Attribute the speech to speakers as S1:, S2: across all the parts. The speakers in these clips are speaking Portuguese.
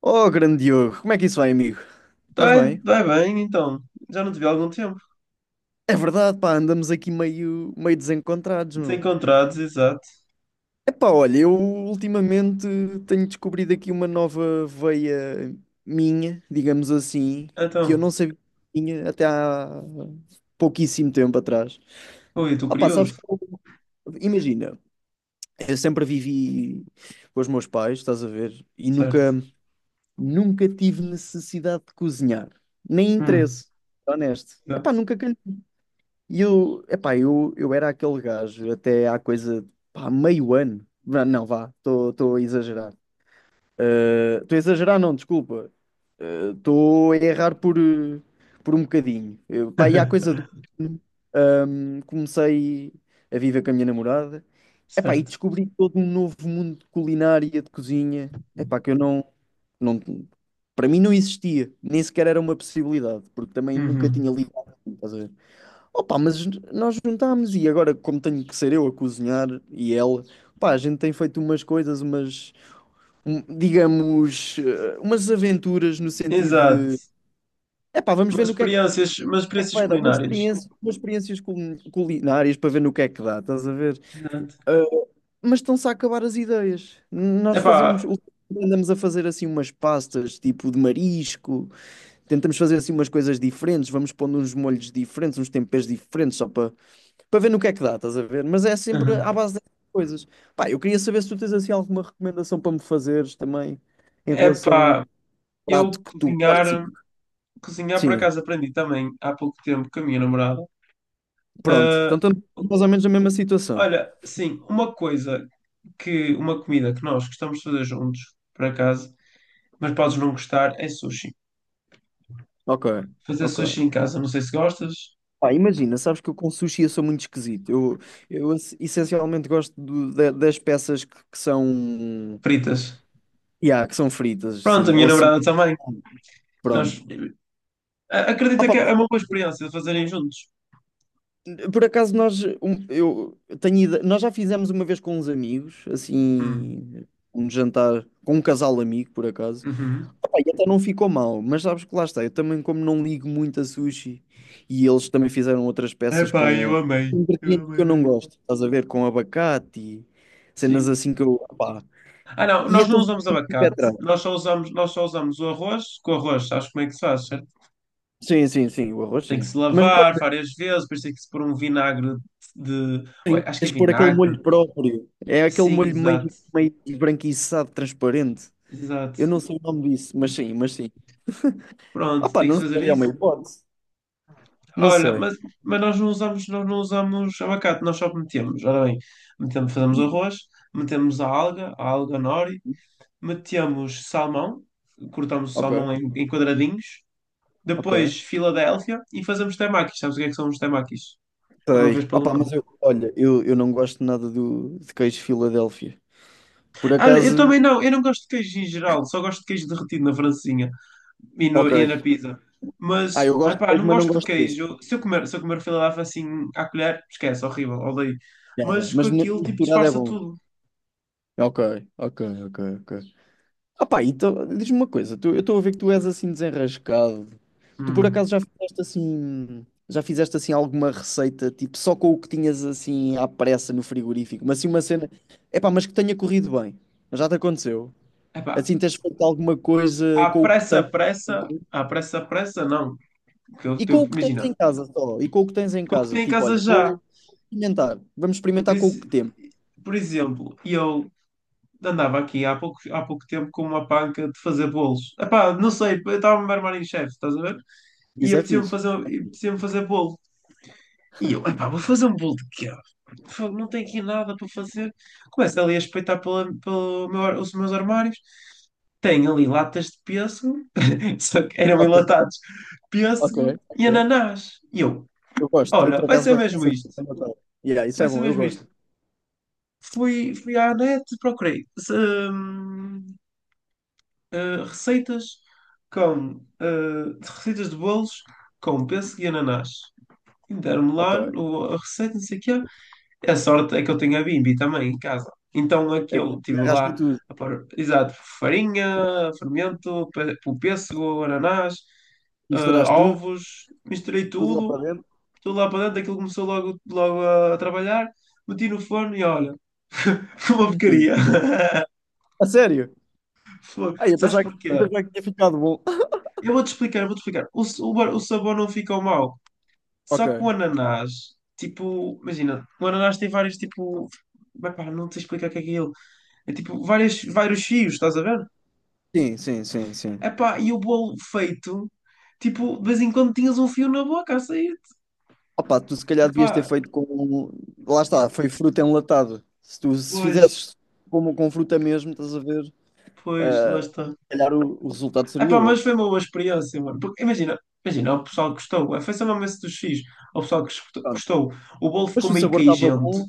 S1: Oh, grande Diogo, como é que isso vai, amigo? Estás
S2: Vai,
S1: bem?
S2: vai bem, então. Já não te vi há algum tempo.
S1: É verdade, pá, andamos aqui meio desencontrados, meu.
S2: Desencontrados, exato.
S1: Epá, olha, eu ultimamente tenho descobrido aqui uma nova veia minha, digamos assim, que eu
S2: Então,
S1: não sabia que tinha até há pouquíssimo tempo atrás.
S2: ui, estou
S1: Ah, pá, sabes
S2: curioso.
S1: que imagina, eu sempre vivi com os meus pais, estás a ver, e nunca,
S2: Certo.
S1: nunca tive necessidade de cozinhar, nem
S2: Hum,
S1: interesse, honesto. Epá,
S2: exato.
S1: nunca calhou. E eu, epá, eu era aquele gajo até há coisa, pá, meio ano. Vá, não, vá, estou a exagerar. Estou a exagerar, não, desculpa. Estou a errar por um bocadinho. Eu, pá, e há coisa do. Comecei a viver com a minha namorada. Epá, e
S2: Certo.
S1: descobri todo um novo mundo de culinária, de cozinha. Epá, que eu não, não... Para mim não existia. Nem sequer era uma possibilidade, porque também nunca tinha
S2: Uhum.
S1: ligado. Estás a ver? Opa, mas nós juntámos e agora, como tenho que ser eu a cozinhar e ela, pá, a gente tem feito umas coisas, digamos, umas aventuras no sentido de,
S2: Exato.
S1: epá, vamos ver
S2: mas
S1: no que é que
S2: experiências, mas
S1: é que
S2: experiências
S1: vai dar, umas
S2: culinárias.
S1: experiências, culinárias para ver no que é que dá, estás a ver?
S2: Exato.
S1: Eh, mas estão-se a acabar as ideias. Nós
S2: Epá,
S1: fazemos, andamos a fazer assim umas pastas, tipo de marisco, tentamos fazer assim umas coisas diferentes, vamos pondo uns molhos diferentes, uns temperos diferentes, só para ver no que é que dá, estás a ver? Mas é sempre à
S2: uhum.
S1: base dessas coisas. Pá, eu queria saber se tu tens assim alguma recomendação para me fazeres também em relação ao
S2: Epá,
S1: prato
S2: eu
S1: que tu
S2: cozinhar,
S1: gostes.
S2: cozinhar por
S1: Sim,
S2: acaso aprendi também há pouco tempo com a minha namorada.
S1: pronto.
S2: Ah,
S1: Então estamos mais ou menos na mesma situação.
S2: olha, sim, uma comida que nós gostamos de fazer juntos, por acaso, mas podes não gostar, é sushi.
S1: Ok,
S2: Fazer sushi
S1: ok.
S2: em casa, não sei se gostas.
S1: Pá, imagina, sabes que eu com sushi eu sou muito esquisito. Eu, essencialmente gosto das peças que são,
S2: Fritas.
S1: yeah, que são fritas,
S2: Pronto, a
S1: sim,
S2: minha
S1: ou assim,
S2: namorada também. Nós,
S1: pronto.
S2: acredita que é uma boa experiência de fazerem juntos.
S1: Por acaso nós, um- eu tenho ide- nós já fizemos uma vez com uns amigos,
S2: Hum.
S1: assim, um jantar com um casal amigo, por acaso.
S2: Uhum.
S1: Opa, e até não ficou mal, mas sabes que lá está, eu também como não ligo muito a sushi e eles também fizeram outras peças
S2: Epá, eu
S1: com
S2: amei. Eu
S1: ingredientes que
S2: amei
S1: eu não
S2: mesmo.
S1: gosto, estás a ver, com abacate e cenas
S2: Sim.
S1: assim que eu, opá,
S2: Ah, não,
S1: e
S2: nós
S1: até
S2: não
S1: fiquei
S2: usamos
S1: com o pé
S2: abacate.
S1: atrás.
S2: Nós só usamos o arroz. Com o arroz, sabes como é que se faz, certo?
S1: Sim, sim, sim, o arroz
S2: Tem que
S1: sim.
S2: se
S1: Mas claro,
S2: lavar várias vezes, depois tem que se pôr um vinagre de. Oi, acho que é
S1: tens de pôr aquele
S2: vinagre.
S1: molho próprio. É aquele
S2: Sim,
S1: molho meio,
S2: exato.
S1: meio esbranquiçado, transparente.
S2: Exato.
S1: Eu não sei o nome disso, mas sim, mas sim.
S2: Pronto,
S1: Opa,
S2: tem que se
S1: não
S2: fazer
S1: sei, é uma
S2: isso.
S1: hipótese. Não
S2: Olha,
S1: sei.
S2: mas, nós não usamos abacate, nós só metemos. Ora bem, metemos, fazemos
S1: Diz-me.
S2: arroz, metemos a alga nori, metemos salmão, cortamos o
S1: Ok,
S2: salmão em quadradinhos,
S1: ok.
S2: depois Filadélfia e fazemos temakis. Sabes o que é que são os temakis? Ou não vês
S1: Sei.
S2: pelo
S1: Opa,
S2: nome?
S1: mas eu, olha, eu não gosto nada do, de queijo Filadélfia. Por
S2: Olha,
S1: acaso,
S2: eu não gosto de queijo em geral, só gosto de queijo derretido na francesinha. E,
S1: ok.
S2: e na pizza.
S1: Ah, eu
S2: Mas,
S1: gosto de
S2: epá,
S1: queijo,
S2: não
S1: mas não
S2: gosto de
S1: gosto desse.
S2: queijo. Se eu comer filadélfia assim à colher, esquece, horrível, odeio.
S1: Já, já.
S2: Mas com
S1: Mas
S2: aquilo, tipo,
S1: misturado é
S2: disfarça
S1: bom.
S2: tudo.
S1: Ok, ok, ok, ok. Ah pá, então, diz-me uma coisa, eu estou a ver que tu és assim desenrascado. Tu por
S2: Hum.
S1: acaso já fizeste assim alguma receita, tipo, só com o que tinhas assim à pressa no frigorífico, mas assim uma cena, é pá, mas que tenha corrido bem. Já te aconteceu?
S2: Epá,
S1: Assim tens feito alguma coisa com o que tens
S2: à pressa, pressa, não. Que
S1: e com o que tens
S2: imagina,
S1: em casa só, e com o que tens em
S2: com o que
S1: casa,
S2: tenho em
S1: tipo,
S2: casa
S1: olha,
S2: já.
S1: vamos
S2: Por,
S1: experimentar com o
S2: ex-
S1: que temos.
S2: por exemplo, eu andava aqui há pouco tempo com uma panca de fazer bolos. Epá, não sei, eu estava a me armar em chefe, estás a ver?
S1: Isso é fixe.
S2: E apetecia-me fazer bolo. E eu, epá, vou fazer um bolo de queijo. Fogo, não tenho aqui nada para fazer. Começo ali a espreitar os meus armários. Tenho ali latas de pêssego, só que eram
S1: Ok,
S2: enlatados,
S1: ok,
S2: pêssego
S1: ok.
S2: e ananás. E eu,
S1: Eu gosto, eu
S2: olha,
S1: por
S2: vai
S1: acaso
S2: ser
S1: gosto
S2: mesmo
S1: dessa
S2: isto.
S1: coisa. Yeah, isso
S2: Vai
S1: é
S2: ser
S1: bom, eu
S2: mesmo
S1: gosto.
S2: isto. Fui à net, procurei se- hum, eh, receitas com eh, receitas de bolos com pêssego e ananás. E deram-me
S1: Ok.
S2: lá a receita, não sei o quê. E a sorte é que eu tenho a Bimbi também em casa. Então
S1: É,
S2: aquilo, tive
S1: arrasca
S2: lá
S1: tudo.
S2: a pôr, exato, farinha, fermento, o pêssego, ananás, eh,
S1: Misturaste tudo,
S2: ovos, misturei
S1: tudo lá
S2: tudo,
S1: para dentro.
S2: tudo lá para dentro, aquilo começou logo a trabalhar, meti no forno e olha, foi uma
S1: E...
S2: porcaria.
S1: A sério?
S2: Foi.
S1: Ai, eu
S2: Sabes
S1: pensava que,
S2: porquê?
S1: eu pensava que tinha ficado bom.
S2: Eu vou-te explicar. O, s- o, bar- o sabor não ficou mau, só que o
S1: Ok.
S2: ananás, tipo, imagina, o ananás tem vários, tipo, mas pá, não te explicar o que é que é. É tipo várias, vários fios, estás a ver?
S1: Sim, sim, sim, sim.
S2: Epá, e o bolo feito, tipo, de vez em quando tinhas um fio na boca a sair.
S1: Opa, tu se calhar devias ter
S2: Epá,
S1: feito com. Lá está, foi fruta enlatada. Se tu se
S2: pois,
S1: fizesses como com fruta mesmo, estás a ver?
S2: pois, lá
S1: Ah,
S2: está.
S1: se calhar o resultado seria
S2: Epá, mas
S1: outro.
S2: foi uma boa experiência, mano. Porque, imagina, imagina, o pessoal gostou. Foi só mesmo esse dos fios. O pessoal que escutou-
S1: Pronto.
S2: gostou. O bolo
S1: Mas
S2: ficou
S1: se o
S2: meio
S1: sabor estava
S2: queijento.
S1: bom,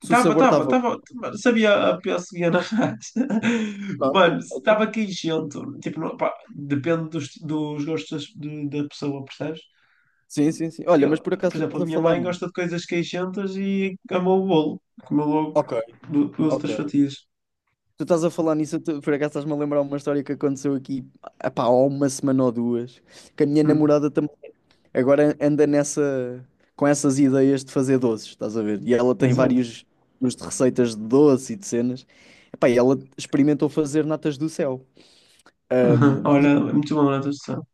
S1: se o
S2: Tava,
S1: sabor
S2: tava,
S1: estava
S2: tava,
S1: bom.
S2: mano. Sabia a pior seguia na raça. Mano,
S1: Pronto, ok.
S2: estava queijento. Tipo, não, pá, depende dos gostos das- de- da pessoa, percebes?
S1: Sim, sim, sim. Olha, mas
S2: Eu,
S1: por
S2: por
S1: acaso tu
S2: exemplo,
S1: estás
S2: a
S1: a
S2: minha
S1: falar
S2: mãe
S1: nisso.
S2: gosta de coisas queixentas e amou o bolo. Comeu logo
S1: Ok,
S2: duas
S1: ok.
S2: outras fatias.
S1: Tu estás a falar nisso, tu, por acaso estás-me a lembrar uma história que aconteceu aqui, epá, há uma semana ou duas, que a minha
S2: Hum,
S1: namorada também agora anda nessa, com essas ideias de fazer doces, estás a ver? E ela tem
S2: exato.
S1: vários tipos de receitas de doce e de cenas. Epá, e ela experimentou fazer natas do céu.
S2: Uhum.
S1: Ahm,
S2: Olha,
S1: e
S2: é muito bom na tradução.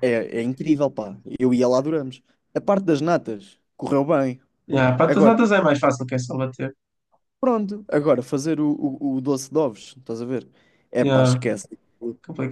S1: é incrível, pá. Eu e ela adoramos. A parte das natas correu bem.
S2: Yeah, para as
S1: Agora,
S2: notas é mais fácil que é só bater.
S1: pronto, agora fazer o doce de ovos, estás a ver? É pá,
S2: Yeah,
S1: esquece.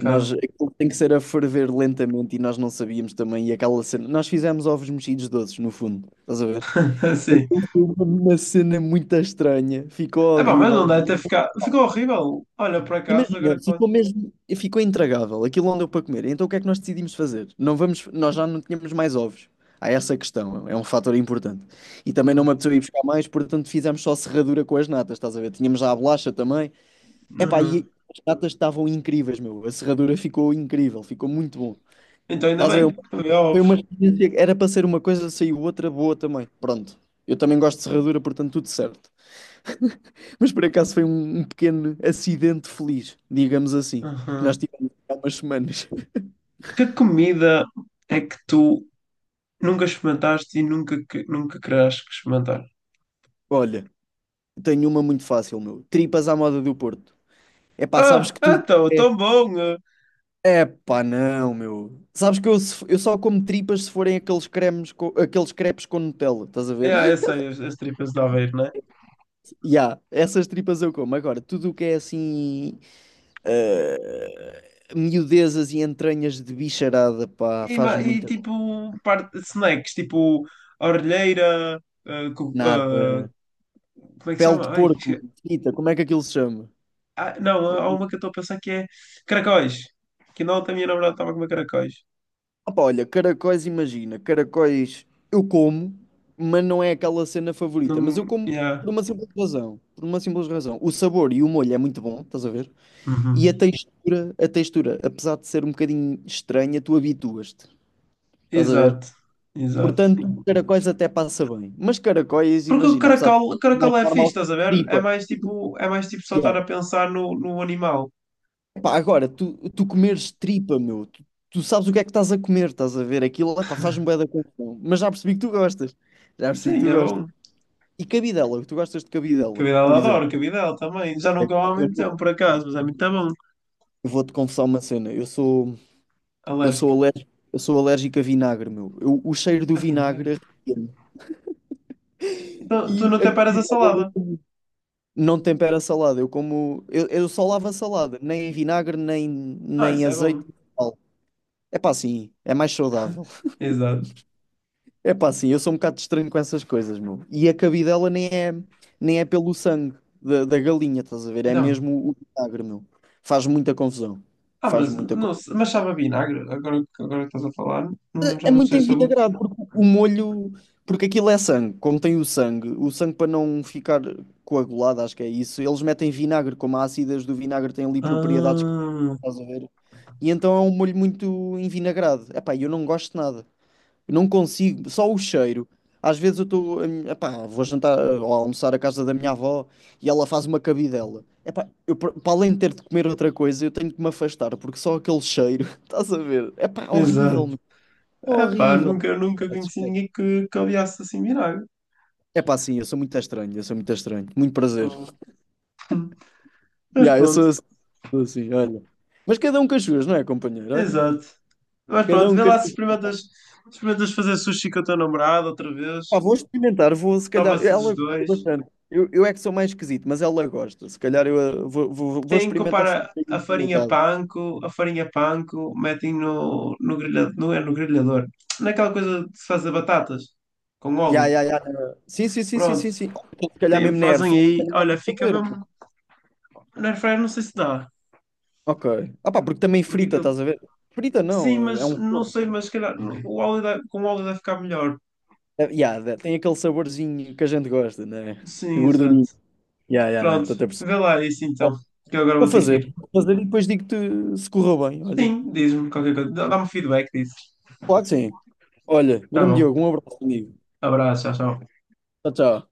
S1: Nós, aquilo tem que ser a ferver lentamente e nós não sabíamos também. E aquela cena, nós fizemos ovos mexidos doces, no fundo, estás a ver?
S2: Sim.
S1: Foi uma cena muito estranha, ficou
S2: É bom, mas não
S1: horrível.
S2: deve ter ficado. Ficou horrível. Olha, por acaso,
S1: Imagina,
S2: agora que falo.
S1: ficou mesmo, ficou intragável. Aquilo não deu para comer. Então o que é que nós decidimos fazer? Não vamos, nós já não tínhamos mais ovos. Há essa questão, é um fator importante. E também não me
S2: Hum,
S1: apeteceu ir buscar mais, portanto fizemos só serradura com as natas, estás a ver? Tínhamos já a bolacha também. Epá,
S2: uhum.
S1: e as datas estavam incríveis, meu. A serradura ficou incrível, ficou muito bom.
S2: Então ainda
S1: Estás a ver?
S2: bem, havia
S1: Foi
S2: ovos.
S1: uma experiência que era para ser uma coisa, saiu outra boa também. Pronto. Eu também gosto de serradura, portanto, tudo certo. Mas por acaso foi um, um pequeno acidente feliz, digamos assim, que nós
S2: Uhum.
S1: tivemos há umas semanas.
S2: Que comida é que tu nunca experimentaste nunca querás experimentar?
S1: Olha, tenho uma muito fácil, meu. Tripas à moda do Porto. É. Epá, sabes
S2: Ah,
S1: que
S2: ah,
S1: tudo.
S2: tão,
S1: É,
S2: tão bom! Eh.
S1: Epá, não, meu. Sabes que eu, eu só como tripas se forem aqueles cremes, aqueles crepes com Nutella, estás a ver?
S2: É, eu sei, as tripas de Aveiro, né?
S1: Ya, essas tripas eu como. Agora, tudo o que é assim, miudezas e entranhas de bicharada, pá,
S2: E,
S1: faz
S2: ma- e
S1: muita
S2: tipo, parte, snacks, tipo, a orelheira, ah, co- ah,
S1: nada.
S2: como é que se
S1: Pele de
S2: chama?
S1: porco, frita, como é que aquilo se chama?
S2: Não,
S1: Co-
S2: há uma que eu estou a pensar que é caracóis. Que não, a minha namorada estava a comer caracóis.
S1: Opa, olha, caracóis, imagina, caracóis eu como, mas não é aquela cena favorita. Mas eu
S2: Não,
S1: como
S2: yeah.
S1: por uma simples razão, por uma simples razão. O sabor e o molho é muito bom, estás a ver? E
S2: Uhum.
S1: a textura, apesar de ser um bocadinho estranha, tu habituas-te, estás a ver?
S2: Exato, exato.
S1: Portanto, caracóis até passa bem. Mas caracóis,
S2: Porque
S1: imagina, apesar de
S2: o
S1: ser mais
S2: caracol é fixe,
S1: normal,
S2: estás a ver?
S1: tripa.
S2: É mais tipo só
S1: Yeah.
S2: estar a pensar no animal.
S1: Epá, agora, tu, tu comeres tripa, meu, tu, tu sabes o que é que estás a comer, estás a ver? Aquilo, epá, faz-me bué da confusão. Mas já percebi que tu gostas. Já percebi que
S2: Sim,
S1: tu
S2: é
S1: gostas.
S2: bom.
S1: E cabidela, tu gostas de cabidela, por
S2: Cabidela
S1: exemplo.
S2: adoro, cabidela também. Já não como
S1: Epá,
S2: há
S1: Eu
S2: muito tempo,
S1: não-
S2: por acaso, mas é muito bom.
S1: eu vou-te confessar uma cena. Eu sou, eu sou
S2: Alérgico.
S1: alérgico, eu sou alérgico a vinagre, meu. O cheiro do
S2: Ah, vinagre.
S1: vinagre arrepia-me.
S2: Então,
S1: E
S2: tu não
S1: a
S2: te paras a
S1: cabidela.
S2: salada.
S1: Não tempera a salada. Eu como. Eu só lavo a salada. Nem em vinagre, nem,
S2: Ah,
S1: nem
S2: isso é
S1: azeite,
S2: bom.
S1: nem sal. É pá, sim. É mais saudável.
S2: Exato.
S1: É pá, sim. Eu sou um bocado estranho com essas coisas, meu. E a cabidela nem é, nem é pelo sangue da, da galinha, estás a ver? É
S2: Então,
S1: mesmo o vinagre, meu. Faz muita confusão. Faz muita confusão.
S2: mas sabe a vinagre? Agora, agora que estás a falar, já
S1: É
S2: não
S1: muito
S2: sei o sabor.
S1: envinagrado, porque o molho. Porque aquilo é sangue. Como tem o sangue para não ficar coagulado, acho que é isso, eles metem vinagre. Como as ácidas do vinagre têm ali propriedades que não
S2: Ah,
S1: estás a ver. E então é um molho muito envinagrado. Epá, eu não gosto de nada. Eu não consigo. Só o cheiro. Às vezes eu estou. Epá, vou jantar ou almoçar à casa da minha avó e ela faz uma cabidela. Epá, eu, para além de ter de comer outra coisa, eu tenho que me afastar, porque só aquele cheiro. Estás a ver? Epá, horrível.
S2: exato. Epá,
S1: Horrível.
S2: nunca conheci ninguém que odiasse assim vinagre.
S1: É pá, sim, eu sou muito estranho, eu sou muito estranho. Muito prazer.
S2: Oh. Mas
S1: Yeah, eu
S2: pronto,
S1: sou assim, olha. Mas cada um com as suas, não é, companheiro? Olha,
S2: exato. Mas
S1: cada
S2: pronto,
S1: um
S2: vê
S1: com as
S2: lá se
S1: suas.
S2: experimentas fazer sushi com a tua namorada outra vez.
S1: Pá, vou experimentar, vou
S2: Se
S1: se calhar.
S2: estava-se os
S1: Ela gosta
S2: dois.
S1: bastante. Eu é que sou mais esquisito, mas ela gosta. Se calhar eu vou
S2: Tem que
S1: experimentar fazer
S2: comprar
S1: experimentado.
S2: a farinha panko, metem não é no grelhador, naquela coisa de se fazer batatas, com
S1: Ya,
S2: óleo.
S1: ya, ya. Sim, sim, sim, sim,
S2: Pronto,
S1: sim, sim. Então, se calhar
S2: tem-
S1: mesmo na
S2: fazem
S1: airfryer.
S2: aí,
S1: Também dá
S2: olha,
S1: para
S2: fica
S1: fazer.
S2: mesmo, na air fryer não sei se dá,
S1: Ok. Ah pá, porque também
S2: porque
S1: frita,
S2: aquilo,
S1: estás a ver? Frita
S2: sim,
S1: não, é
S2: mas
S1: um
S2: não
S1: forno.
S2: sei, mas se calhar com o óleo deve ficar melhor.
S1: Yeah, tem aquele saborzinho que a gente gosta, né? Gordurinho
S2: Sim, exato.
S1: gordurinha. Yeah, yeah, né?
S2: Pronto,
S1: Estou a perceber.
S2: vê lá isso
S1: Bom,
S2: então, que eu agora
S1: vou
S2: vou ter que
S1: fazer,
S2: ir.
S1: vou fazer e depois digo-te se correu bem. Olha,
S2: Sim, diz-me qualquer coisa, dá-me feedback disso.
S1: claro que sim. Olha,
S2: Tá
S1: grande
S2: bom,
S1: Diogo, um abraço, amigo.
S2: abraço, tchau, tchau.
S1: Tchau, tchau.